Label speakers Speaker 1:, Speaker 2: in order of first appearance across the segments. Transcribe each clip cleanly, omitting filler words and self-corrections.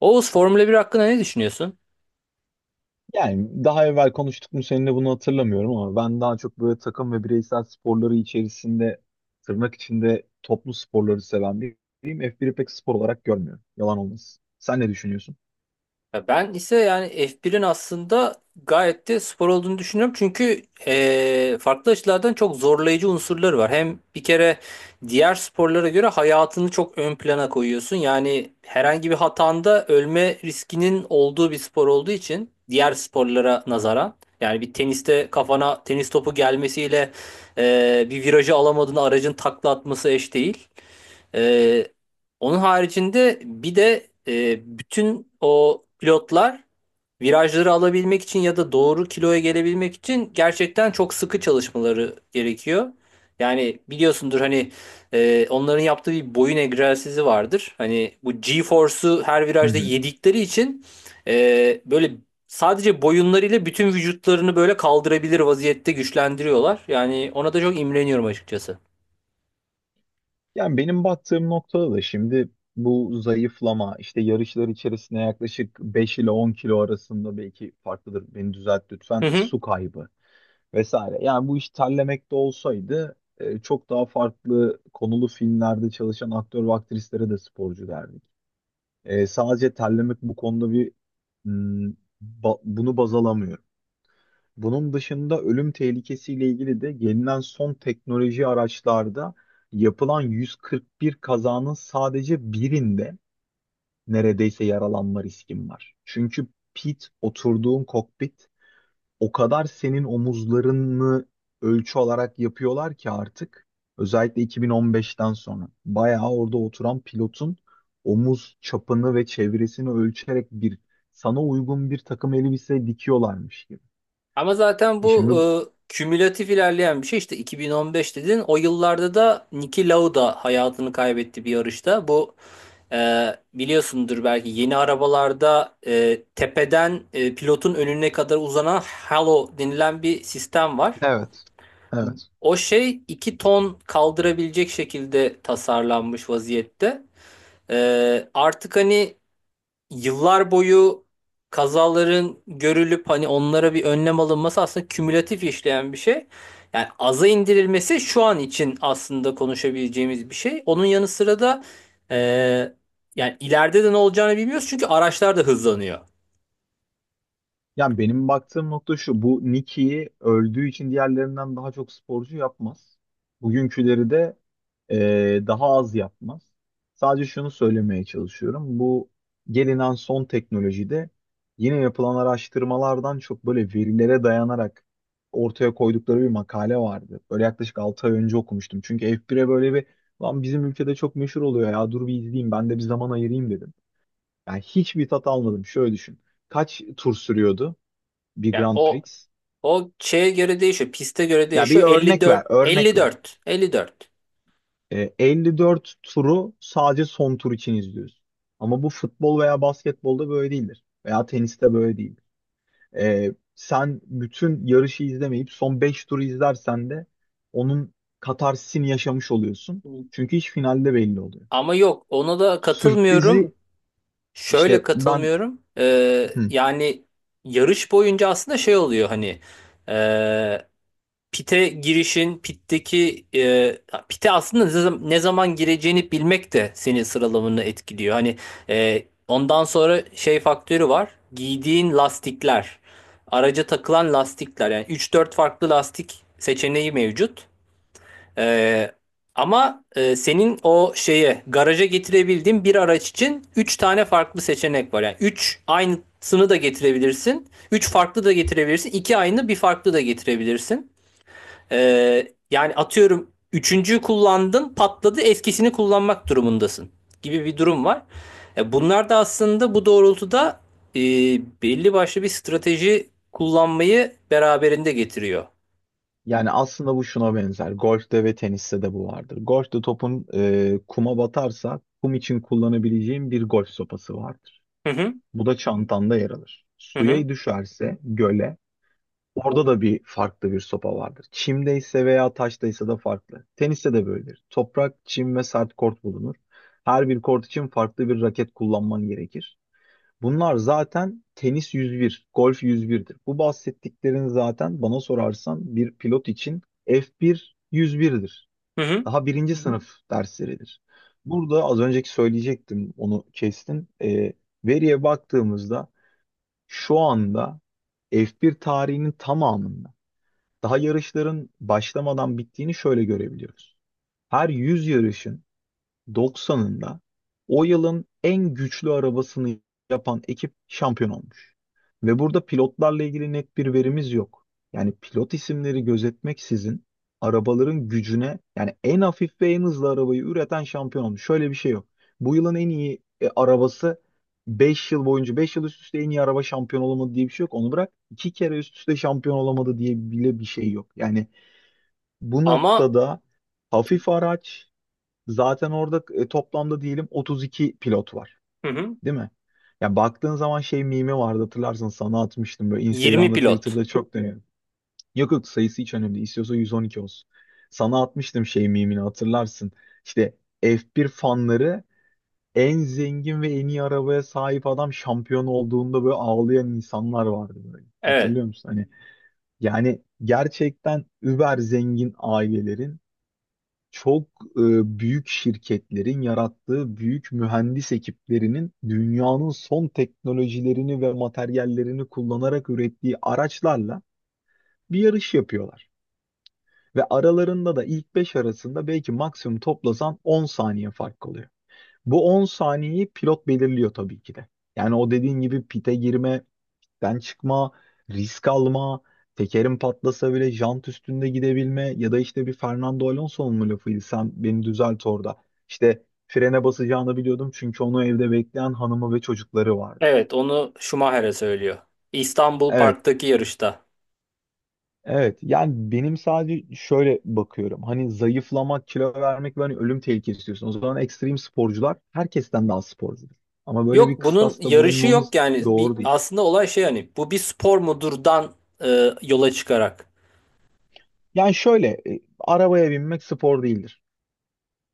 Speaker 1: Oğuz Formula bir hakkında ne düşünüyorsun?
Speaker 2: Yani daha evvel konuştuk mu seninle bunu hatırlamıyorum ama ben daha çok böyle takım ve bireysel sporları içerisinde tırnak içinde toplu sporları seven biriyim. F1'i pek spor olarak görmüyorum. Yalan olmasın. Sen ne düşünüyorsun?
Speaker 1: Ya ben ise yani F1'in aslında gayet de spor olduğunu düşünüyorum. Çünkü farklı açılardan çok zorlayıcı unsurları var. Hem bir kere diğer sporlara göre hayatını çok ön plana koyuyorsun. Yani herhangi bir hatanda ölme riskinin olduğu bir spor olduğu için diğer sporlara nazaran. Yani bir teniste kafana tenis topu gelmesiyle bir virajı alamadığın aracın takla atması eş değil. Ee, onun haricinde bir de bütün o pilotlar virajları alabilmek için ya da doğru kiloya gelebilmek için gerçekten çok sıkı çalışmaları gerekiyor. Yani biliyorsundur hani onların yaptığı bir boyun egzersizi vardır. Hani bu G-force'u her
Speaker 2: Hı
Speaker 1: virajda
Speaker 2: hı.
Speaker 1: yedikleri için böyle sadece boyunlarıyla bütün vücutlarını böyle kaldırabilir vaziyette güçlendiriyorlar. Yani ona da çok imreniyorum açıkçası.
Speaker 2: Yani benim baktığım noktada da şimdi bu zayıflama işte yarışlar içerisinde yaklaşık 5 ile 10 kilo arasında belki farklıdır. Beni düzelt
Speaker 1: Hı
Speaker 2: lütfen. E,
Speaker 1: hı.
Speaker 2: su kaybı. Vesaire. Yani bu iş terlemekte olsaydı çok daha farklı konulu filmlerde çalışan aktör ve aktrislere de sporcu derdik. Sadece terlemek bu konuda bir, hmm, bunu baz alamıyorum. Bunun dışında ölüm tehlikesiyle ilgili de gelinen son teknoloji araçlarda yapılan 141 kazanın sadece birinde neredeyse yaralanma riskim var. Çünkü oturduğun kokpit o kadar senin omuzlarını ölçü olarak yapıyorlar ki artık özellikle 2015'ten sonra bayağı orada oturan pilotun omuz çapını ve çevresini ölçerek bir sana uygun bir takım elbise dikiyorlarmış gibi.
Speaker 1: Ama zaten
Speaker 2: Şimdi.
Speaker 1: bu kümülatif ilerleyen bir şey. İşte 2015 dedin. O yıllarda da Niki Lauda hayatını kaybetti bir yarışta. Bu e, biliyorsundur belki yeni arabalarda tepeden pilotun önüne kadar uzanan halo denilen bir sistem var.
Speaker 2: Evet. Evet.
Speaker 1: O şey 2 ton kaldırabilecek şekilde tasarlanmış vaziyette. Artık hani yıllar boyu kazaların görülüp hani onlara bir önlem alınması aslında kümülatif işleyen bir şey. Yani aza indirilmesi şu an için aslında konuşabileceğimiz bir şey. Onun yanı sıra da yani ileride de ne olacağını bilmiyoruz çünkü araçlar da hızlanıyor.
Speaker 2: Yani benim baktığım nokta şu. Bu Nicky'yi öldüğü için diğerlerinden daha çok sporcu yapmaz. Bugünküleri de daha az yapmaz. Sadece şunu söylemeye çalışıyorum. Bu gelinen son teknolojide yine yapılan araştırmalardan çok böyle verilere dayanarak ortaya koydukları bir makale vardı. Böyle yaklaşık 6 ay önce okumuştum. Çünkü F1'e böyle bir, lan, bizim ülkede çok meşhur oluyor ya, dur bir izleyeyim, ben de bir zaman ayırayım dedim. Yani hiçbir tat almadım. Şöyle düşün. Kaç tur sürüyordu bir
Speaker 1: Yani
Speaker 2: Grand
Speaker 1: o
Speaker 2: Prix?
Speaker 1: o şeye göre değişiyor, piste göre
Speaker 2: Ya bir
Speaker 1: değişiyor.
Speaker 2: örnek ver,
Speaker 1: 54
Speaker 2: örnek ver.
Speaker 1: 54 54.
Speaker 2: 54 turu sadece son tur için izliyoruz. Ama bu futbol veya basketbolda böyle değildir. Veya teniste böyle değildir. Sen bütün yarışı izlemeyip son 5 turu izlersen de onun katarsisini yaşamış oluyorsun. Çünkü iş finalde belli oluyor. Evet.
Speaker 1: Ama yok ona da katılmıyorum.
Speaker 2: Sürprizi
Speaker 1: Şöyle
Speaker 2: işte ben,
Speaker 1: katılmıyorum.
Speaker 2: hı.
Speaker 1: Yani yarış boyunca aslında şey oluyor hani e, pite girişin pitteki pite aslında ne zaman gireceğini bilmek de senin sıralamanı etkiliyor. Hani ondan sonra şey faktörü var. Giydiğin lastikler, araca takılan lastikler yani üç dört farklı lastik seçeneği mevcut. Ee, ama senin o şeye garaja getirebildiğin bir araç için 3 tane farklı seçenek var. Yani 3 aynısını da getirebilirsin. Üç farklı da getirebilirsin. İki aynı bir farklı da getirebilirsin. Yani atıyorum üçüncüyü kullandın patladı eskisini kullanmak durumundasın gibi bir durum var. Bunlar da aslında bu doğrultuda e, belli başlı bir strateji kullanmayı beraberinde getiriyor.
Speaker 2: Yani aslında bu şuna benzer. Golf'te ve teniste de bu vardır. Golf'te topun kuma batarsa kum için kullanabileceğin bir golf sopası vardır.
Speaker 1: Hı hı,
Speaker 2: Bu da çantanda yer alır.
Speaker 1: hı hı,
Speaker 2: Suya düşerse göle, orada da bir farklı bir sopa vardır. Çimdeyse veya taştaysa da farklı. Teniste de böyledir. Toprak, çim ve sert kort bulunur. Her bir kort için farklı bir raket kullanman gerekir. Bunlar zaten tenis 101, golf yüz birdir. Bu bahsettiklerin zaten bana sorarsan bir pilot için F1 birdir.
Speaker 1: hı hı.
Speaker 2: Daha birinci sınıf dersleridir. Burada az önceki söyleyecektim onu kestim. Veriye baktığımızda şu anda F1 tarihinin tamamında daha yarışların başlamadan bittiğini şöyle görebiliyoruz. Her 100 yarışın 90'ında o yılın en güçlü arabasını yapan ekip şampiyon olmuş. Ve burada pilotlarla ilgili net bir verimiz yok. Yani pilot isimleri gözetmeksizin arabaların gücüne yani en hafif ve en hızlı arabayı üreten şampiyon olmuş. Şöyle bir şey yok. Bu yılın en iyi arabası 5 yıl boyunca, 5 yıl üst üste en iyi araba şampiyon olamadı diye bir şey yok. Onu bırak 2 kere üst üste şampiyon olamadı diye bile bir şey yok. Yani bu
Speaker 1: Ama.
Speaker 2: noktada hafif araç. Zaten orada toplamda diyelim 32 pilot var,
Speaker 1: Hı hı.
Speaker 2: değil mi? Ya baktığın zaman şey mimi vardı, hatırlarsın sana atmıştım, böyle
Speaker 1: 20
Speaker 2: Instagram'da,
Speaker 1: pilot.
Speaker 2: Twitter'da çok dönüyor. Yok yok, sayısı hiç önemli değil. İstiyorsa 112 olsun. Sana atmıştım şey mimini, hatırlarsın. İşte F1 fanları, en zengin ve en iyi arabaya sahip adam şampiyon olduğunda böyle ağlayan insanlar vardı böyle.
Speaker 1: Evet.
Speaker 2: Hatırlıyor musun? Hani yani gerçekten über zengin ailelerin, çok büyük şirketlerin yarattığı büyük mühendis ekiplerinin dünyanın son teknolojilerini ve materyallerini kullanarak ürettiği araçlarla bir yarış yapıyorlar. Ve aralarında da ilk 5 arasında belki maksimum toplasan 10 saniye fark kalıyor. Bu 10 saniyeyi pilot belirliyor tabii ki de. Yani o dediğin gibi pite girme, den çıkma, risk alma, tekerim patlasa bile jant üstünde gidebilme ya da işte bir Fernando Alonso'nun mu lafıydı, sen beni düzelt orada. İşte frene basacağını biliyordum çünkü onu evde bekleyen hanımı ve çocukları vardı.
Speaker 1: Evet, onu Schumacher'e söylüyor. İstanbul
Speaker 2: Evet,
Speaker 1: Park'taki yarışta.
Speaker 2: evet. Yani benim sadece şöyle bakıyorum. Hani zayıflamak, kilo vermek ve hani ölüm tehlikesi istiyorsun. O zaman ekstrem sporcular herkesten daha sporcudur. Ama böyle
Speaker 1: Yok
Speaker 2: bir
Speaker 1: bunun
Speaker 2: kıstasta
Speaker 1: yarışı yok
Speaker 2: bulunmamız
Speaker 1: yani. Bir,
Speaker 2: doğru değil.
Speaker 1: aslında olay şey hani bu bir spor mudurdan yola çıkarak.
Speaker 2: Yani şöyle, arabaya binmek spor değildir.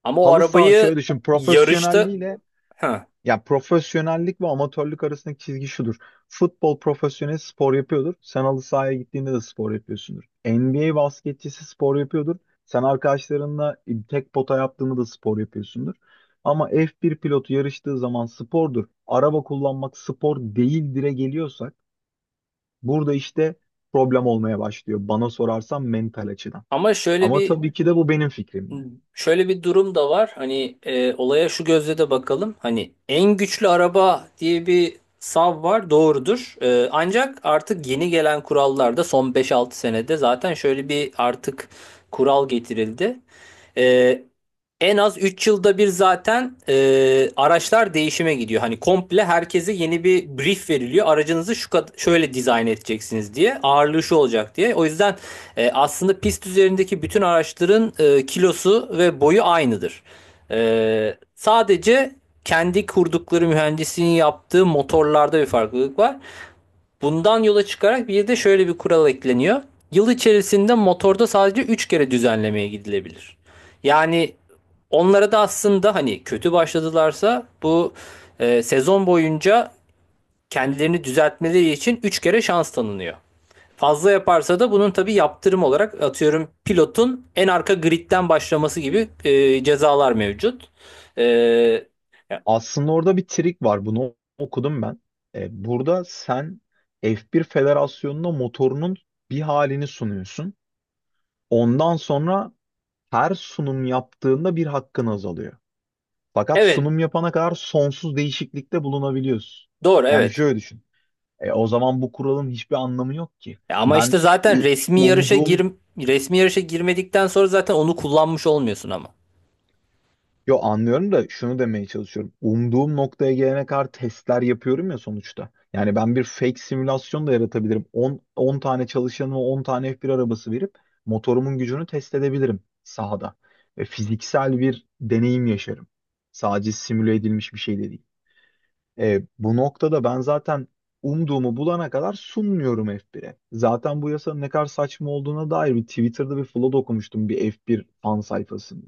Speaker 1: Ama o
Speaker 2: Halı saha şöyle
Speaker 1: arabayı
Speaker 2: düşün,
Speaker 1: yarışta
Speaker 2: profesyonelliğiyle,
Speaker 1: ha.
Speaker 2: ya profesyonellik ve amatörlük arasındaki çizgi şudur. Futbol profesyonel spor yapıyordur. Sen halı sahaya gittiğinde de spor yapıyorsundur. NBA basketçisi spor yapıyordur. Sen arkadaşlarınla tek pota yaptığında da spor yapıyorsundur. Ama F1 pilotu yarıştığı zaman spordur. Araba kullanmak spor değil dire geliyorsak burada işte problem olmaya başlıyor. Bana sorarsan mental açıdan.
Speaker 1: Ama şöyle
Speaker 2: Ama
Speaker 1: bir
Speaker 2: tabii ki de bu benim fikrim yani.
Speaker 1: Şöyle bir durum da var. Hani olaya şu gözle de bakalım. Hani en güçlü araba diye bir sav var. Doğrudur. Ancak artık yeni gelen kurallarda son beş altı senede zaten şöyle bir artık kural getirildi. E, en az 3 yılda bir zaten araçlar değişime gidiyor. Hani komple herkese yeni bir brief veriliyor. Aracınızı şöyle dizayn edeceksiniz diye, ağırlığı şu olacak diye. O yüzden aslında pist üzerindeki bütün araçların kilosu ve boyu aynıdır. E, sadece kendi kurdukları mühendisliğin yaptığı motorlarda bir farklılık var. Bundan yola çıkarak bir de şöyle bir kural ekleniyor. Yıl içerisinde motorda sadece 3 kere düzenlemeye gidilebilir. Yani onlara da aslında hani kötü başladılarsa bu sezon boyunca kendilerini düzeltmeleri için 3 kere şans tanınıyor. Fazla yaparsa da bunun tabii yaptırım olarak atıyorum pilotun en arka gridden başlaması gibi cezalar mevcut. E,
Speaker 2: Aslında orada bir trik var. Bunu okudum ben. Burada sen F1 Federasyonu'na motorunun bir halini sunuyorsun. Ondan sonra her sunum yaptığında bir hakkın azalıyor. Fakat
Speaker 1: evet,
Speaker 2: sunum yapana kadar sonsuz değişiklikte bulunabiliyorsun.
Speaker 1: doğru,
Speaker 2: Yani
Speaker 1: evet.
Speaker 2: şöyle düşün. O zaman bu kuralın hiçbir anlamı yok ki.
Speaker 1: Ama
Speaker 2: Ben
Speaker 1: işte
Speaker 2: s-
Speaker 1: zaten
Speaker 2: i- Hmm.
Speaker 1: resmi yarışa girmedikten sonra zaten onu kullanmış olmuyorsun ama.
Speaker 2: Yo, anlıyorum da şunu demeye çalışıyorum. Umduğum noktaya gelene kadar testler yapıyorum ya sonuçta. Yani ben bir fake simülasyon da yaratabilirim. 10 tane çalışanıma 10 tane f bir arabası verip motorumun gücünü test edebilirim sahada. Ve fiziksel bir deneyim yaşarım. Sadece simüle edilmiş bir şey de değil. Bu noktada ben zaten umduğumu bulana kadar sunmuyorum F1'e. Zaten bu yasanın ne kadar saçma olduğuna dair bir Twitter'da bir flood okumuştum, bir F1 fan sayfasında.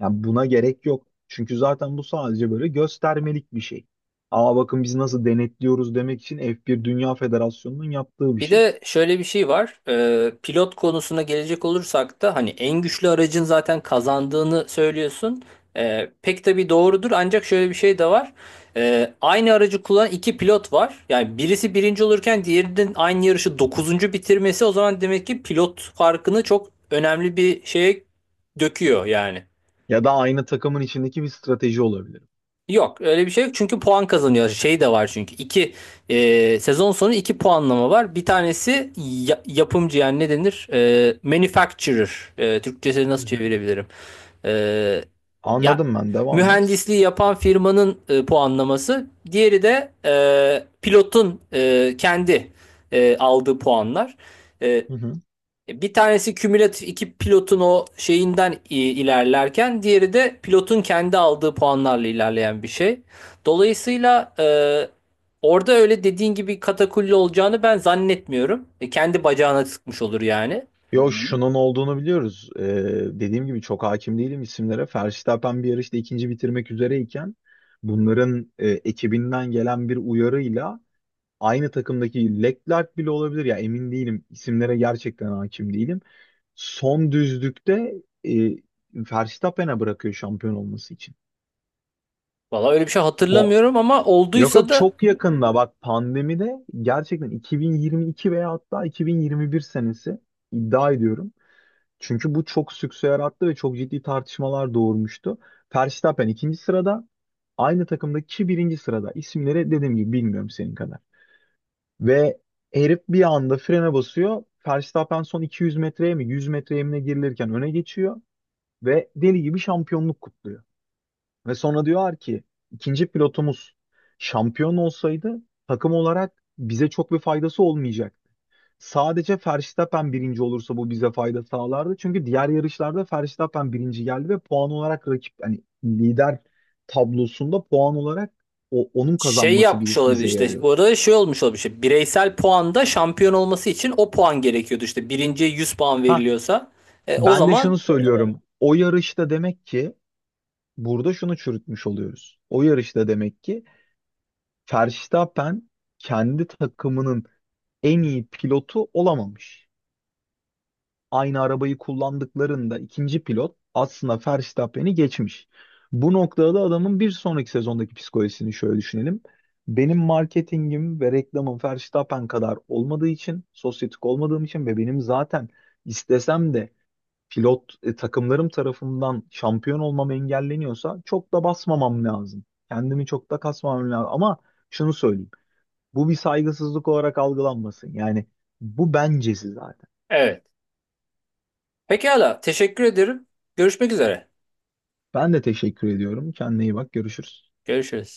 Speaker 2: Yani buna gerek yok. Çünkü zaten bu sadece böyle göstermelik bir şey. Aa, bakın biz nasıl denetliyoruz demek için F1 Dünya Federasyonu'nun yaptığı bir
Speaker 1: Bir
Speaker 2: şey.
Speaker 1: de şöyle bir şey var. Pilot konusuna gelecek olursak da hani en güçlü aracın zaten kazandığını söylüyorsun. Pek tabii doğrudur ancak şöyle bir şey de var. Aynı aracı kullanan iki pilot var. Yani birisi birinci olurken diğerinin aynı yarışı dokuzuncu bitirmesi o zaman demek ki pilot farkını çok önemli bir şeye döküyor yani.
Speaker 2: Ya da aynı takımın içindeki bir strateji olabilir.
Speaker 1: Yok öyle bir şey yok çünkü puan kazanıyor. Şey de var çünkü iki sezon sonu iki puanlama var. Bir tanesi yapımcı yani ne denir? Manufacturer. Türkçesini
Speaker 2: Hı
Speaker 1: nasıl
Speaker 2: hı.
Speaker 1: çevirebilirim? E, ya
Speaker 2: Anladım ben. Devam et.
Speaker 1: mühendisliği yapan firmanın puanlaması. Diğeri de pilotun kendi aldığı puanlar. E,
Speaker 2: Hı hı.
Speaker 1: bir tanesi kümülatif iki pilotun o şeyinden ilerlerken diğeri de pilotun kendi aldığı puanlarla ilerleyen bir şey. Dolayısıyla orada öyle dediğin gibi katakulli olacağını ben zannetmiyorum. Kendi bacağına sıkmış olur yani.
Speaker 2: Yo. Hı? Şunun olduğunu biliyoruz. Dediğim gibi çok hakim değilim isimlere. Verstappen bir yarışta ikinci bitirmek üzereyken bunların ekibinden gelen bir uyarıyla, aynı takımdaki Leclerc bile olabilir ya, emin değilim. İsimlere gerçekten hakim değilim. Son düzlükte e, Verstappen'e bırakıyor şampiyon olması için.
Speaker 1: Valla öyle bir şey
Speaker 2: O,
Speaker 1: hatırlamıyorum ama
Speaker 2: yok
Speaker 1: olduysa
Speaker 2: yok,
Speaker 1: da
Speaker 2: çok yakında bak, pandemide, gerçekten 2022 veya hatta 2021 senesi, iddia ediyorum. Çünkü bu çok sükse yarattı ve çok ciddi tartışmalar doğurmuştu. Verstappen ikinci sırada, aynı takımdaki kişi birinci sırada. İsimleri dediğim gibi bilmiyorum senin kadar. Ve herif bir anda frene basıyor. Verstappen son 200 metreye mi 100 metreye mi ne girilirken öne geçiyor ve deli gibi şampiyonluk kutluyor. Ve sonra diyorlar ki ikinci pilotumuz şampiyon olsaydı takım olarak bize çok bir faydası olmayacak. Sadece Verstappen birinci olursa bu bize fayda sağlardı. Çünkü diğer yarışlarda Verstappen birinci geldi ve puan olarak rakip, hani lider tablosunda puan olarak onun
Speaker 1: şey
Speaker 2: kazanması,
Speaker 1: yapmış
Speaker 2: bir,
Speaker 1: olabilir
Speaker 2: bize
Speaker 1: işte. Bu
Speaker 2: yarıyordu.
Speaker 1: arada şey olmuş olabilir işte bireysel puanda şampiyon olması için o puan gerekiyordu işte. Birinciye 100 puan
Speaker 2: Ha,
Speaker 1: veriliyorsa o
Speaker 2: ben de şunu
Speaker 1: zaman
Speaker 2: söylüyorum. O yarışta demek ki burada şunu çürütmüş oluyoruz. O yarışta demek ki Verstappen kendi takımının en iyi pilotu olamamış. Aynı arabayı kullandıklarında ikinci pilot aslında Verstappen'i geçmiş. Bu noktada da adamın bir sonraki sezondaki psikolojisini şöyle düşünelim. Benim marketingim ve reklamım Verstappen kadar olmadığı için, sosyetik olmadığım için ve benim zaten istesem de pilot takımlarım tarafından şampiyon olmam engelleniyorsa çok da basmamam lazım. Kendimi çok da kasmamam lazım. Ama şunu söyleyeyim. Bu bir saygısızlık olarak algılanmasın. Yani bu bencesi zaten.
Speaker 1: evet. Pekala, teşekkür ederim. Görüşmek üzere.
Speaker 2: Ben de teşekkür ediyorum. Kendine iyi bak. Görüşürüz.
Speaker 1: Görüşürüz.